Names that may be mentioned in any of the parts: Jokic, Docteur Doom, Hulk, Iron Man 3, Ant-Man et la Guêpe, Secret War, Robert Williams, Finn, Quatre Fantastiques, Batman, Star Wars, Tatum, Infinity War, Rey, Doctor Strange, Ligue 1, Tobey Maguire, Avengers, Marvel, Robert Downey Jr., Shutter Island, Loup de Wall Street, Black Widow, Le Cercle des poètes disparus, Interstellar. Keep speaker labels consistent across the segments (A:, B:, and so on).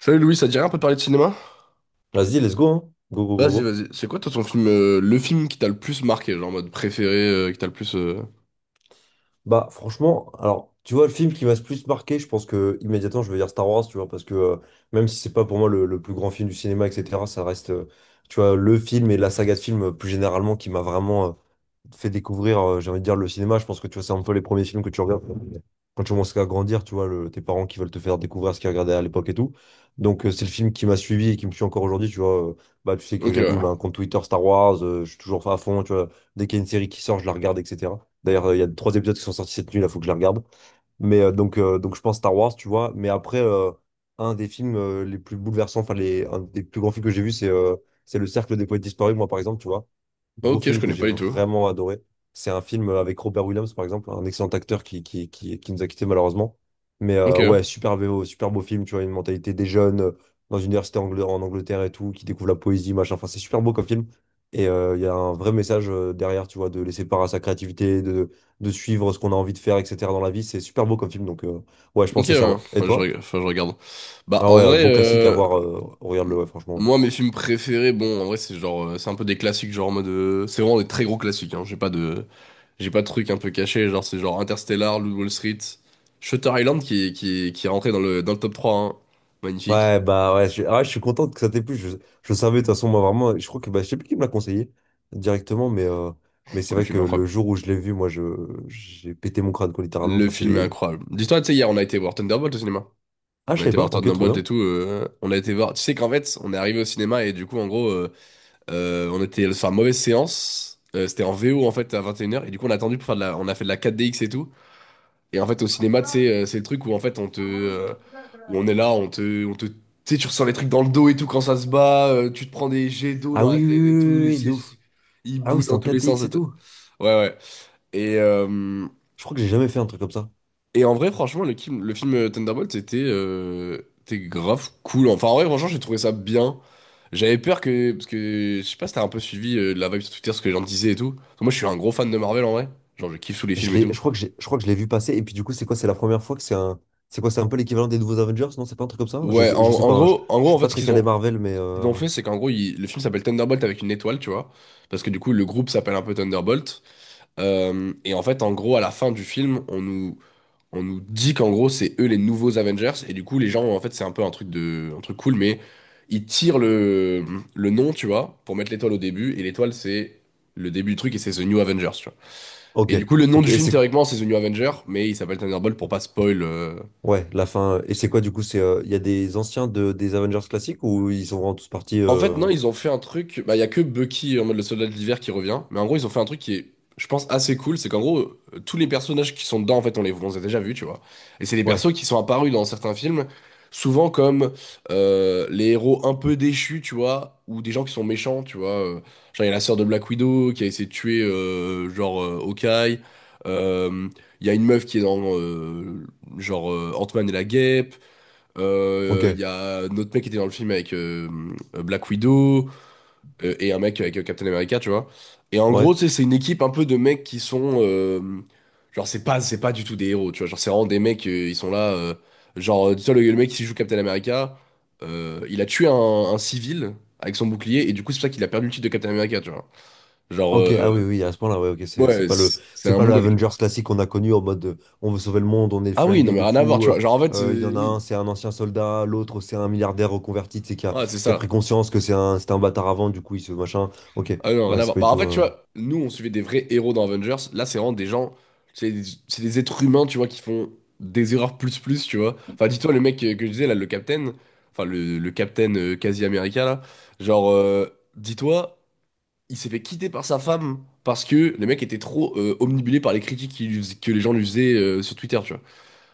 A: Salut Louis, ça te dirait un peu de parler de cinéma?
B: Vas-y, let's go, hein. Go, go, go,
A: Vas-y,
B: go.
A: vas-y. C'est quoi toi ton film, le film qui t'a le plus marqué, genre en mode préféré, qui t'a le plus.
B: Franchement, alors, tu vois, le film qui m'a le plus marqué, je pense que immédiatement, je vais dire Star Wars, tu vois, parce que même si c'est pas pour moi le plus grand film du cinéma, etc., ça reste, tu vois, le film et la saga de films plus généralement qui m'a vraiment, fait découvrir, j'ai envie de dire, le cinéma. Je pense que tu vois, c'est un peu les premiers films que tu regardes quand tu commences à grandir, tu vois, tes parents qui veulent te faire découvrir ce qu'ils regardaient à l'époque et tout. Donc, c'est le film qui m'a suivi et qui me suit encore aujourd'hui, tu vois. Tu sais que
A: Ok, ouais.
B: j'anime un compte Twitter Star Wars, je suis toujours à fond, tu vois. Dès qu'il y a une série qui sort, je la regarde, etc. D'ailleurs, il y a trois épisodes qui sont sortis cette nuit, là, faut que je la regarde. Donc je pense Star Wars, tu vois. Mais après, un des films les plus bouleversants, un des plus grands films que j'ai vu, c'est Le Cercle des poètes disparus, moi par exemple, tu vois. Gros
A: Ok, je
B: film que
A: connais
B: j'ai
A: pas du tout.
B: vraiment adoré. C'est un film avec Robert Williams, par exemple, un excellent acteur qui nous a quittés malheureusement.
A: Ok,
B: Ouais, super beau film, tu vois, une mentalité des jeunes dans une en Angleterre et tout, qui découvre la poésie, machin. Enfin, c'est super beau comme film. Et il y a un vrai message derrière, tu vois, de laisser part à sa créativité, de suivre ce qu'on a envie de faire, etc. dans la vie. C'est super beau comme film, donc ouais, je
A: ok,
B: pense que c'est
A: ouais.
B: ça, ouais. Et
A: Enfin,
B: toi?
A: enfin, je regarde. Bah,
B: Ah
A: en
B: ouais,
A: vrai,
B: beau classique à voir, regarde-le, ouais, franchement, ouais.
A: moi, mes films préférés, bon, en vrai, c'est genre, c'est un peu des classiques, genre en mode, c'est vraiment des très gros classiques. Hein. J'ai pas de trucs un peu cachés, genre c'est genre Interstellar, Loup de Wall Street, Shutter Island qui est rentré dans dans le top 3, hein. Magnifique.
B: Ouais, bah ouais, ouais, je suis content que ça t'ait plu. Je savais, de toute façon, moi, vraiment, je crois que, bah, je sais plus qui me l'a conseillé directement, mais
A: Bon,
B: c'est
A: le
B: vrai
A: film
B: que
A: est
B: le
A: incroyable.
B: jour où je l'ai vu, j'ai pété mon crâne, quoi, littéralement.
A: Le
B: Enfin,
A: film est
B: c'est.
A: incroyable. Dis-toi, tu sais, hier, on a été voir Thunderbolt au cinéma.
B: Ah,
A: On
B: je
A: a
B: sais
A: été
B: pas,
A: voir
B: ok, trop
A: Thunderbolt et
B: bien.
A: tout. On a été voir. Tu sais qu'en fait, on est arrivé au cinéma et du coup, en gros, on était sur une mauvaise séance. C'était en VO en fait à 21 h. Et une heures. Et du coup, on a attendu pour faire de la. On a fait de la 4DX et tout. Et en fait, au cinéma, tu sais, c'est le truc où en fait, on te. Où on est là, on te. On te... Tu sais, tu ressens les trucs dans le dos et tout quand ça se bat. Tu te prends des jets d'eau
B: Ah
A: dans la
B: oui, oui,
A: tête et tout.
B: oui, oui,
A: Les
B: oui, de ouf.
A: sièges, ils
B: Ah oui,
A: bougent
B: c'était
A: dans
B: en
A: tous les
B: 4
A: sens.
B: X
A: Et
B: et
A: tout.
B: tout.
A: Ouais, ouais. Et.
B: Je crois que j'ai jamais fait un truc comme ça.
A: Et en vrai, franchement, le film Thunderbolt était, était grave cool. Enfin, en vrai, franchement, j'ai trouvé ça bien. J'avais peur que. Parce que je sais pas si t'as un peu suivi la vibe sur Twitter, ce que les gens disaient et tout. Parce que moi, je suis un gros fan de Marvel en vrai. Genre, je kiffe tous les
B: Je
A: films et
B: l'ai,
A: tout.
B: je crois que j'ai, je crois que je l'ai vu passer. Et puis du coup, c'est quoi? C'est la première fois que c'est quoi? C'est un peu l'équivalent des nouveaux Avengers? Non, c'est pas un truc comme ça?
A: Ouais,
B: Je sais pas, hein,
A: en
B: je
A: gros, en
B: suis
A: fait,
B: pas très calé Marvel, mais
A: ce qu'ils ont fait, c'est qu'en gros, ils- le film s'appelle Thunderbolt avec une étoile, tu vois. Parce que du coup, le groupe s'appelle un peu Thunderbolt. Et en fait, en gros, à la fin du film, on nous dit qu'en gros c'est eux les nouveaux Avengers et du coup les gens en fait c'est un peu un truc de un truc cool mais ils tirent le nom tu vois pour mettre l'étoile au début et l'étoile c'est le début du truc et c'est The New Avengers tu vois.
B: ok,
A: Et du coup le nom
B: ok.
A: du
B: Et
A: film
B: c'est
A: théoriquement c'est The New Avengers mais il s'appelle Thunderbolt pour pas spoil
B: ouais, la fin. Et c'est quoi du coup? Il y a des anciens des Avengers classiques ou ils sont vraiment tous partis?
A: En fait, non, ils ont fait un truc. Bah, il y a que Bucky en mode le soldat de l'hiver qui revient. Mais en gros, ils ont fait un truc qui est, je pense, assez cool. C'est qu'en gros, tous les personnages qui sont dedans, en fait, on les a déjà vus, tu vois. Et c'est des
B: Ouais,
A: persos qui sont apparus dans certains films, souvent comme les héros un peu déchus, tu vois, ou des gens qui sont méchants, tu vois. Genre, il y a la sœur de Black Widow qui a essayé de tuer, Hawkeye. Euh, Il y a une meuf qui est dans, Ant-Man et la Guêpe.
B: ok,
A: Il y a notre mec qui était dans le film avec Black Widow et un mec avec Captain America, tu vois. Et en gros,
B: ouais.
A: tu sais, c'est une équipe un peu de mecs qui sont. Genre, c'est pas du tout des héros, tu vois. Genre, c'est vraiment des mecs, ils sont là. Tu vois, le mec qui joue Captain America, il a tué un civil avec son bouclier et du coup, c'est pour ça qu'il a perdu le titre de Captain America, tu vois. Genre,
B: Ok, ah oui,
A: euh,
B: oui, à ce point-là, ouais, ok, c'est
A: ouais,
B: pas
A: c'est
B: c'est
A: un
B: pas le
A: mongol, tu vois.
B: Avengers classique qu'on a connu en mode on veut sauver le monde, on est
A: Ah oui, non,
B: friendly
A: mais
B: de
A: rien à voir,
B: fou.
A: tu vois.
B: Il y en a un,
A: Oui.
B: c'est un ancien soldat, l'autre, c'est un milliardaire reconverti, tu sais,
A: Ouais, c'est
B: qui a pris
A: ça.
B: conscience que c'était un bâtard avant, du coup, il se machin. Ok,
A: Ah non, rien
B: ouais,
A: à
B: c'est
A: voir.
B: pas
A: Bah,
B: du
A: en
B: tout.
A: fait, tu vois, nous, on suivait des vrais héros dans Avengers. Là, c'est vraiment des gens. C'est des êtres humains, tu vois, qui font des erreurs plus plus, tu vois. Enfin, dis-toi, le mec que je disais, là, le Captain. Enfin, le Captain quasi américain, là. Genre, euh, Dis-toi, il s'est fait quitter par sa femme parce que le mec était trop omnibulé par les critiques que les gens lui faisaient sur Twitter, tu vois.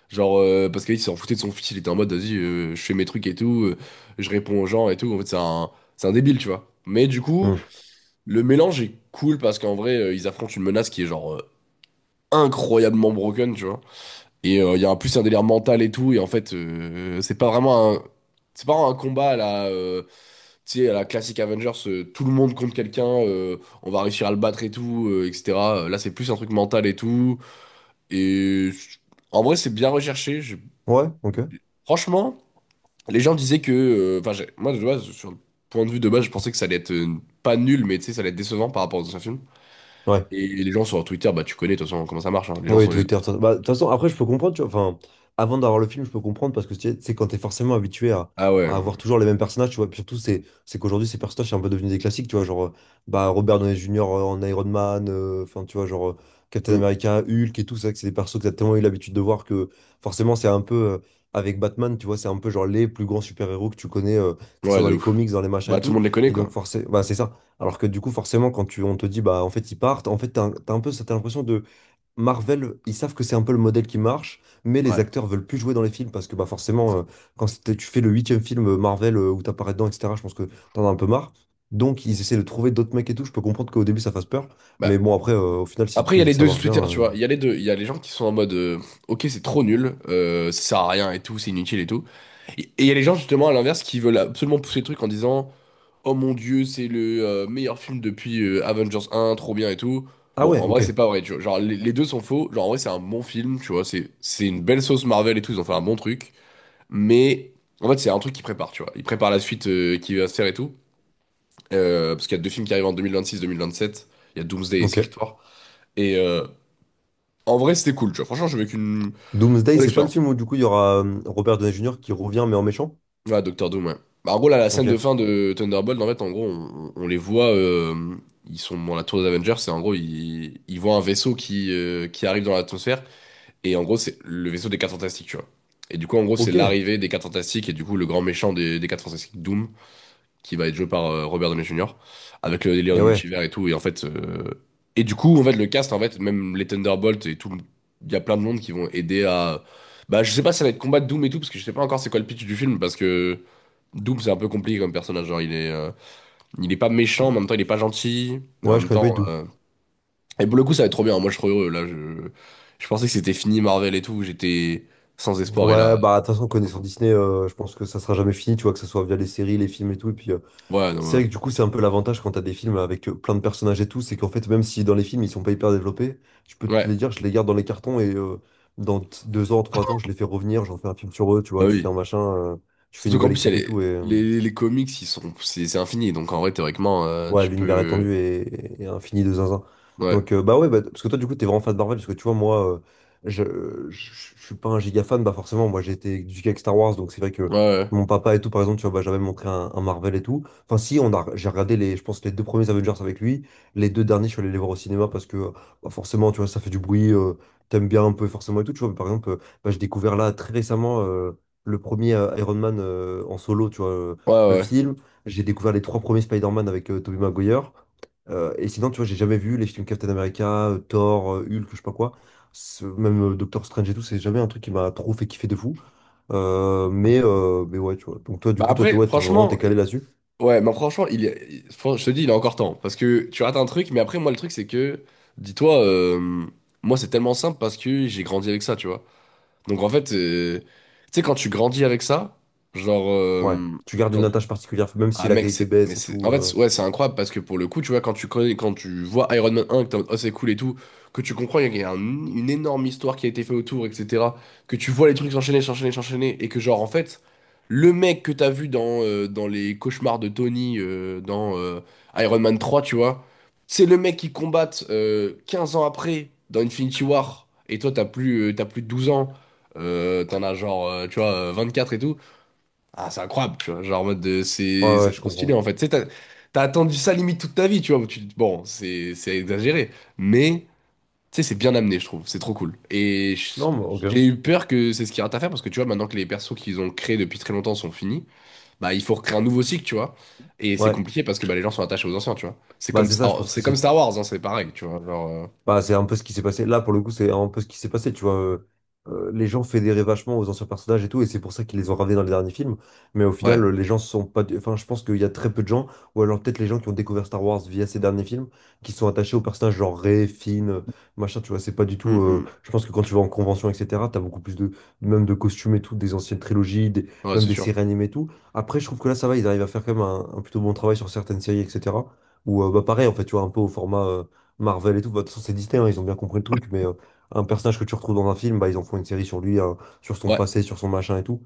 A: Parce qu'il s'en foutait de son fils, il était en mode, vas-y, je fais mes trucs et tout, je réponds aux gens et tout. En fait, c'est un débile, tu vois. Mais du coup.
B: hmm.
A: Le mélange est cool parce qu'en vrai, ils affrontent une menace qui est genre incroyablement broken, tu vois. Et il y a en plus un délire mental et tout. Et en fait, c'est pas vraiment un. C'est pas un combat à la, tu sais, à la classique Avengers, tout le monde contre quelqu'un, on va réussir à le battre et tout, etc. Là, c'est plus un truc mental et tout. Et je- En vrai, c'est bien recherché.
B: Ouais, ok,
A: Franchement, les gens disaient que. Enfin, moi, de base, sur le point de vue de base, je pensais que ça allait être pas nul, mais tu sais, ça allait être décevant par rapport aux anciens films.
B: ouais.
A: Et les gens sur Twitter, bah tu connais de toute façon comment ça marche. Hein. Les gens
B: Oui,
A: sont.
B: Twitter. De toute façon, après, je peux comprendre, tu vois. Enfin, avant d'avoir le film, je peux comprendre parce que tu sais, quand t'es forcément habitué
A: Ah ouais.
B: à
A: Non, mais-
B: avoir toujours les mêmes personnages, tu vois. Puis surtout, c'est qu'aujourd'hui, ces personnages sont un peu devenus des classiques, tu vois. Genre, bah, Robert Downey Jr. en Iron Man, enfin, tu vois, genre Captain
A: Hmm.
B: America, Hulk et tout ça, que c'est des persos que t'as tellement eu l'habitude de voir que forcément, c'est un peu avec Batman, tu vois, c'est un peu genre les plus grands super-héros que tu connais, que ce
A: Ouais,
B: soit dans
A: de
B: les
A: ouf.
B: comics, dans les machins et
A: Bah tout le
B: tout.
A: monde les connaît,
B: Et donc,
A: quoi.
B: forcément, bah, c'est ça. Alors que du coup, forcément, on te dit, bah, en fait, ils partent, en fait, t'as un peu cette impression Marvel, ils savent que c'est un peu le modèle qui marche, mais les
A: Ouais.
B: acteurs veulent plus jouer dans les films parce que bah forcément, tu fais le huitième film Marvel où t'apparais dedans, etc., je pense que t'en as un peu marre. Donc ils essaient de trouver d'autres mecs et tout. Je peux comprendre qu'au début ça fasse peur, mais
A: Bah.
B: bon après, au final, si
A: Après, il
B: tu
A: y
B: me
A: a
B: dis
A: les
B: que ça
A: deux sur
B: marche bien,
A: Twitter, tu vois. Il y a les deux. Il y a les gens qui sont en mode Ok, c'est trop nul, ça sert à rien et tout, c'est inutile et tout. Et il y a les gens, justement, à l'inverse, qui veulent absolument pousser le truc en disant Oh mon Dieu, c'est le meilleur film depuis Avengers 1, trop bien et tout.
B: ah
A: Bon,
B: ouais,
A: en vrai,
B: ok,
A: c'est pas vrai, tu vois. Genre, les deux sont faux. Genre, en vrai, c'est un bon film, tu vois. C'est une belle sauce Marvel et tout, ils ont fait un bon truc. Mais en fait, c'est un truc qu'il prépare, tu vois. Il prépare la suite qui va se faire et tout. Parce qu'il y a deux films qui arrivent en 2026-2027. Il y a Doomsday et Secret
B: ok.
A: War. Et en vrai, c'était cool, tu vois. Franchement, j'ai vécu une
B: Doomsday,
A: bonne
B: c'est pas le
A: expérience.
B: film où du coup il y aura Robert Downey Jr. qui revient mais en méchant?
A: Ouais, Docteur Doom, ouais. Bah, en gros, là, la scène
B: Ok,
A: de fin de Thunderbolt, en fait, en gros, on les voit. Ils sont dans la tour des Avengers. Et en gros, ils voient un vaisseau qui arrive dans l'atmosphère. Et en gros, c'est le vaisseau des quatre Fantastiques, tu vois. Et du coup, en gros, c'est
B: ok.
A: l'arrivée des quatre Fantastiques. Et du coup, le grand méchant des 4 Fantastiques, Doom. Qui va être joué par Robert Downey Jr. avec le délire de
B: Et ouais,
A: multivers et tout. Et en fait, du coup, en fait, le cast, en fait, même les Thunderbolts et tout, il y a plein de monde qui vont aider à. Bah, je sais pas si ça va être combat de Doom et tout, parce que je sais pas encore c'est quoi le pitch du film, parce que Doom c'est un peu compliqué comme personnage. Genre, il est pas méchant, mais en même temps, il est pas gentil. Mais en
B: ouais, je
A: même
B: connais
A: temps,
B: pas du tout.
A: et pour le coup, ça va être trop bien. Moi, je suis trop heureux. Je pensais que c'était fini Marvel et tout. J'étais sans espoir, et
B: Ouais,
A: là,
B: bah de toute façon, connaissant
A: attends.
B: Disney, je pense que ça sera jamais fini, tu vois, que ce soit via les séries, les films et tout, et puis
A: Ouais, non,
B: c'est
A: ouais.
B: vrai que du coup, c'est un peu l'avantage quand t'as des films avec plein de personnages et tout, c'est qu'en fait, même si dans les films, ils sont pas hyper développés, je peux te
A: Ouais,
B: les dire, je les garde dans les cartons et deux ans, trois ans, je les fais revenir, j'en fais un film sur eux, tu
A: bah
B: vois, tu fais un
A: oui.
B: machin, tu fais une
A: Surtout qu'en
B: nouvelle
A: plus, il y
B: équipe
A: a
B: et tout.
A: les comics, ils sont, c'est infini. Donc en vrai, théoriquement,
B: Ouais,
A: tu
B: l'univers
A: peux.
B: étendu et infini de zinzin.
A: Ouais.
B: Donc, bah ouais, bah, parce que toi, du coup, t'es vraiment fan de Marvel, parce que tu vois, moi, je, je suis pas un giga fan, bah forcément, moi, j'ai été éduqué avec Star Wars, donc c'est vrai
A: Ouais,
B: que
A: ouais.
B: mon papa et tout, par exemple, tu vois, bah, j'avais montré un Marvel et tout. Enfin, si, j'ai regardé je pense, les deux premiers Avengers avec lui, les deux derniers, je suis allé les voir au cinéma parce que, bah, forcément, tu vois, ça fait du bruit, t'aimes bien un peu, forcément, et tout, tu vois, mais par exemple, bah, j'ai découvert là, très récemment, le premier Iron Man en solo, tu vois,
A: Ouais,
B: le
A: ouais. Ouais.
B: film. J'ai découvert les trois premiers Spider-Man avec Tobey Maguire. Et sinon, tu vois, j'ai jamais vu les films Captain America, Thor, Hulk, je sais pas quoi. Même Doctor Strange et tout, c'est jamais un truc qui m'a trop fait kiffer de fou. Mais ouais, tu vois. Donc toi, du
A: Bah
B: coup, toi, t'es
A: après,
B: ouais, t'es vraiment
A: franchement,
B: t'es calé là-dessus.
A: ouais, mais franchement, il y a- il- fran- je te dis, il a encore temps. Parce que tu rates un truc, mais après, moi, le truc, c'est que, dis-toi, moi, c'est tellement simple parce que j'ai grandi avec ça, tu vois. Donc en fait, tu sais, quand tu grandis avec ça, genre,
B: Ouais.
A: euh,
B: Tu gardes une
A: quand,
B: attache particulière, même si
A: Ah
B: la
A: mec,
B: qualité baisse et
A: c'est
B: tout.
A: en fait ouais, c'est incroyable parce que pour le coup, tu vois quand tu connais quand tu vois Iron Man 1 que t'es en mode, oh c'est cool et tout, que tu comprends qu'il y a une énorme histoire qui a été faite autour etc., que tu vois les trucs s'enchaîner s'enchaîner s'enchaîner et que genre en fait, le mec que t'as vu dans dans les cauchemars de Tony dans Iron Man 3, tu vois, c'est le mec qui combat 15 ans après dans Infinity War et toi t'as plus de 12 ans, t'en as genre 24 et tout. Ah, c'est incroyable, tu vois. C'est
B: Ouais, ouais,
A: c'est
B: je
A: trop stylé,
B: comprends.
A: en fait. Tu sais, t'as attendu ça limite toute ta vie, tu vois. Bon, c'est exagéré. Mais, tu sais, c'est bien amené, je trouve. C'est trop cool.
B: Non, mais ok.
A: J'ai eu peur que c'est ce qu'il y a à faire parce que, tu vois, maintenant que les persos qu'ils ont créés depuis très longtemps sont finis, bah, il faut recréer un nouveau cycle, tu vois. Et c'est
B: Ouais.
A: compliqué parce que bah, les gens sont attachés aux anciens, tu vois.
B: Bah, c'est ça, je pense que
A: C'est comme
B: c'est
A: Star Wars, hein, c'est pareil, tu vois.
B: bah, c'est un peu ce qui s'est passé. Là, pour le coup, c'est un peu ce qui s'est passé, tu vois. Les gens fédéraient vachement aux anciens personnages et tout, et c'est pour ça qu'ils les ont ramenés dans les derniers films. Mais au final,
A: Ouais.
B: les gens sont pas. Enfin, je pense qu'il y a très peu de gens, ou alors peut-être les gens qui ont découvert Star Wars via ces derniers films, qui sont attachés aux personnages genre Rey, Finn, machin, tu vois. C'est pas du tout.
A: Hum, hum.
B: Je pense que quand tu vas en convention, etc., t'as beaucoup plus de. Même de costumes et tout, des anciennes
A: Ouais,
B: même
A: c'est
B: des
A: sûr.
B: séries animées et tout. Après, je trouve que là, ça va, ils arrivent à faire quand même un plutôt bon travail sur certaines séries, etc. Ou bah, pareil, en fait, tu vois, un peu au format Marvel et tout. Bah, de toute façon, c'est Disney, hein, ils ont bien compris le truc, mais un personnage que tu retrouves dans un film, bah, ils en font une série sur lui, hein, sur son
A: Ouais.
B: passé, sur son machin et tout.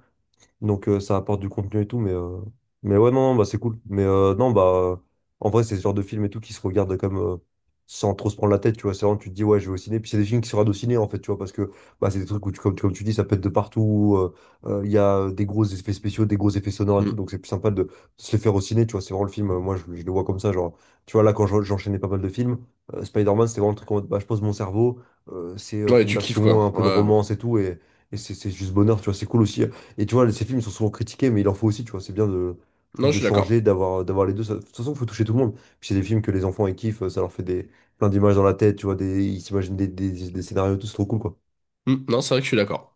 B: Donc ça apporte du contenu et tout, mais ouais, non, non, bah, c'est cool. Mais non, bah en vrai, c'est ce genre de film et tout qui se regarde comme sans trop se prendre la tête, tu vois. C'est vraiment, tu te dis, ouais, je vais au ciné. Puis c'est des films qui se regardent au ciné, en fait, tu vois, parce que bah, c'est des trucs comme, comme tu dis, ça peut être de partout. Il y a des gros effets spéciaux, des gros effets sonores et tout,
A: Hum.
B: donc c'est plus sympa de se les faire au ciné, tu vois. C'est vraiment le film, je le vois comme ça, genre, tu vois, là, j'enchaînais pas mal de films, Spider-Man, c'était vraiment le truc en mode, bah, je pose mon cerveau, c'est
A: Ouais,
B: film
A: tu kiffes, quoi.
B: d'action, un peu de
A: Ouais.
B: romance et tout, et. Et c'est juste bonheur, tu vois. C'est cool aussi. Et tu vois, ces films sont souvent critiqués, mais il en faut aussi, tu vois. C'est bien de, je
A: Non,
B: trouve,
A: je
B: de
A: suis d'accord.
B: changer, d'avoir les deux. De toute façon, il faut toucher tout le monde. Puis c'est des films que les enfants, ils kiffent, ça leur fait des, plein d'images dans la tête, tu vois, des, ils s'imaginent des scénarios, tout, c'est trop cool, quoi.
A: Hum. Non, c'est vrai que je suis d'accord.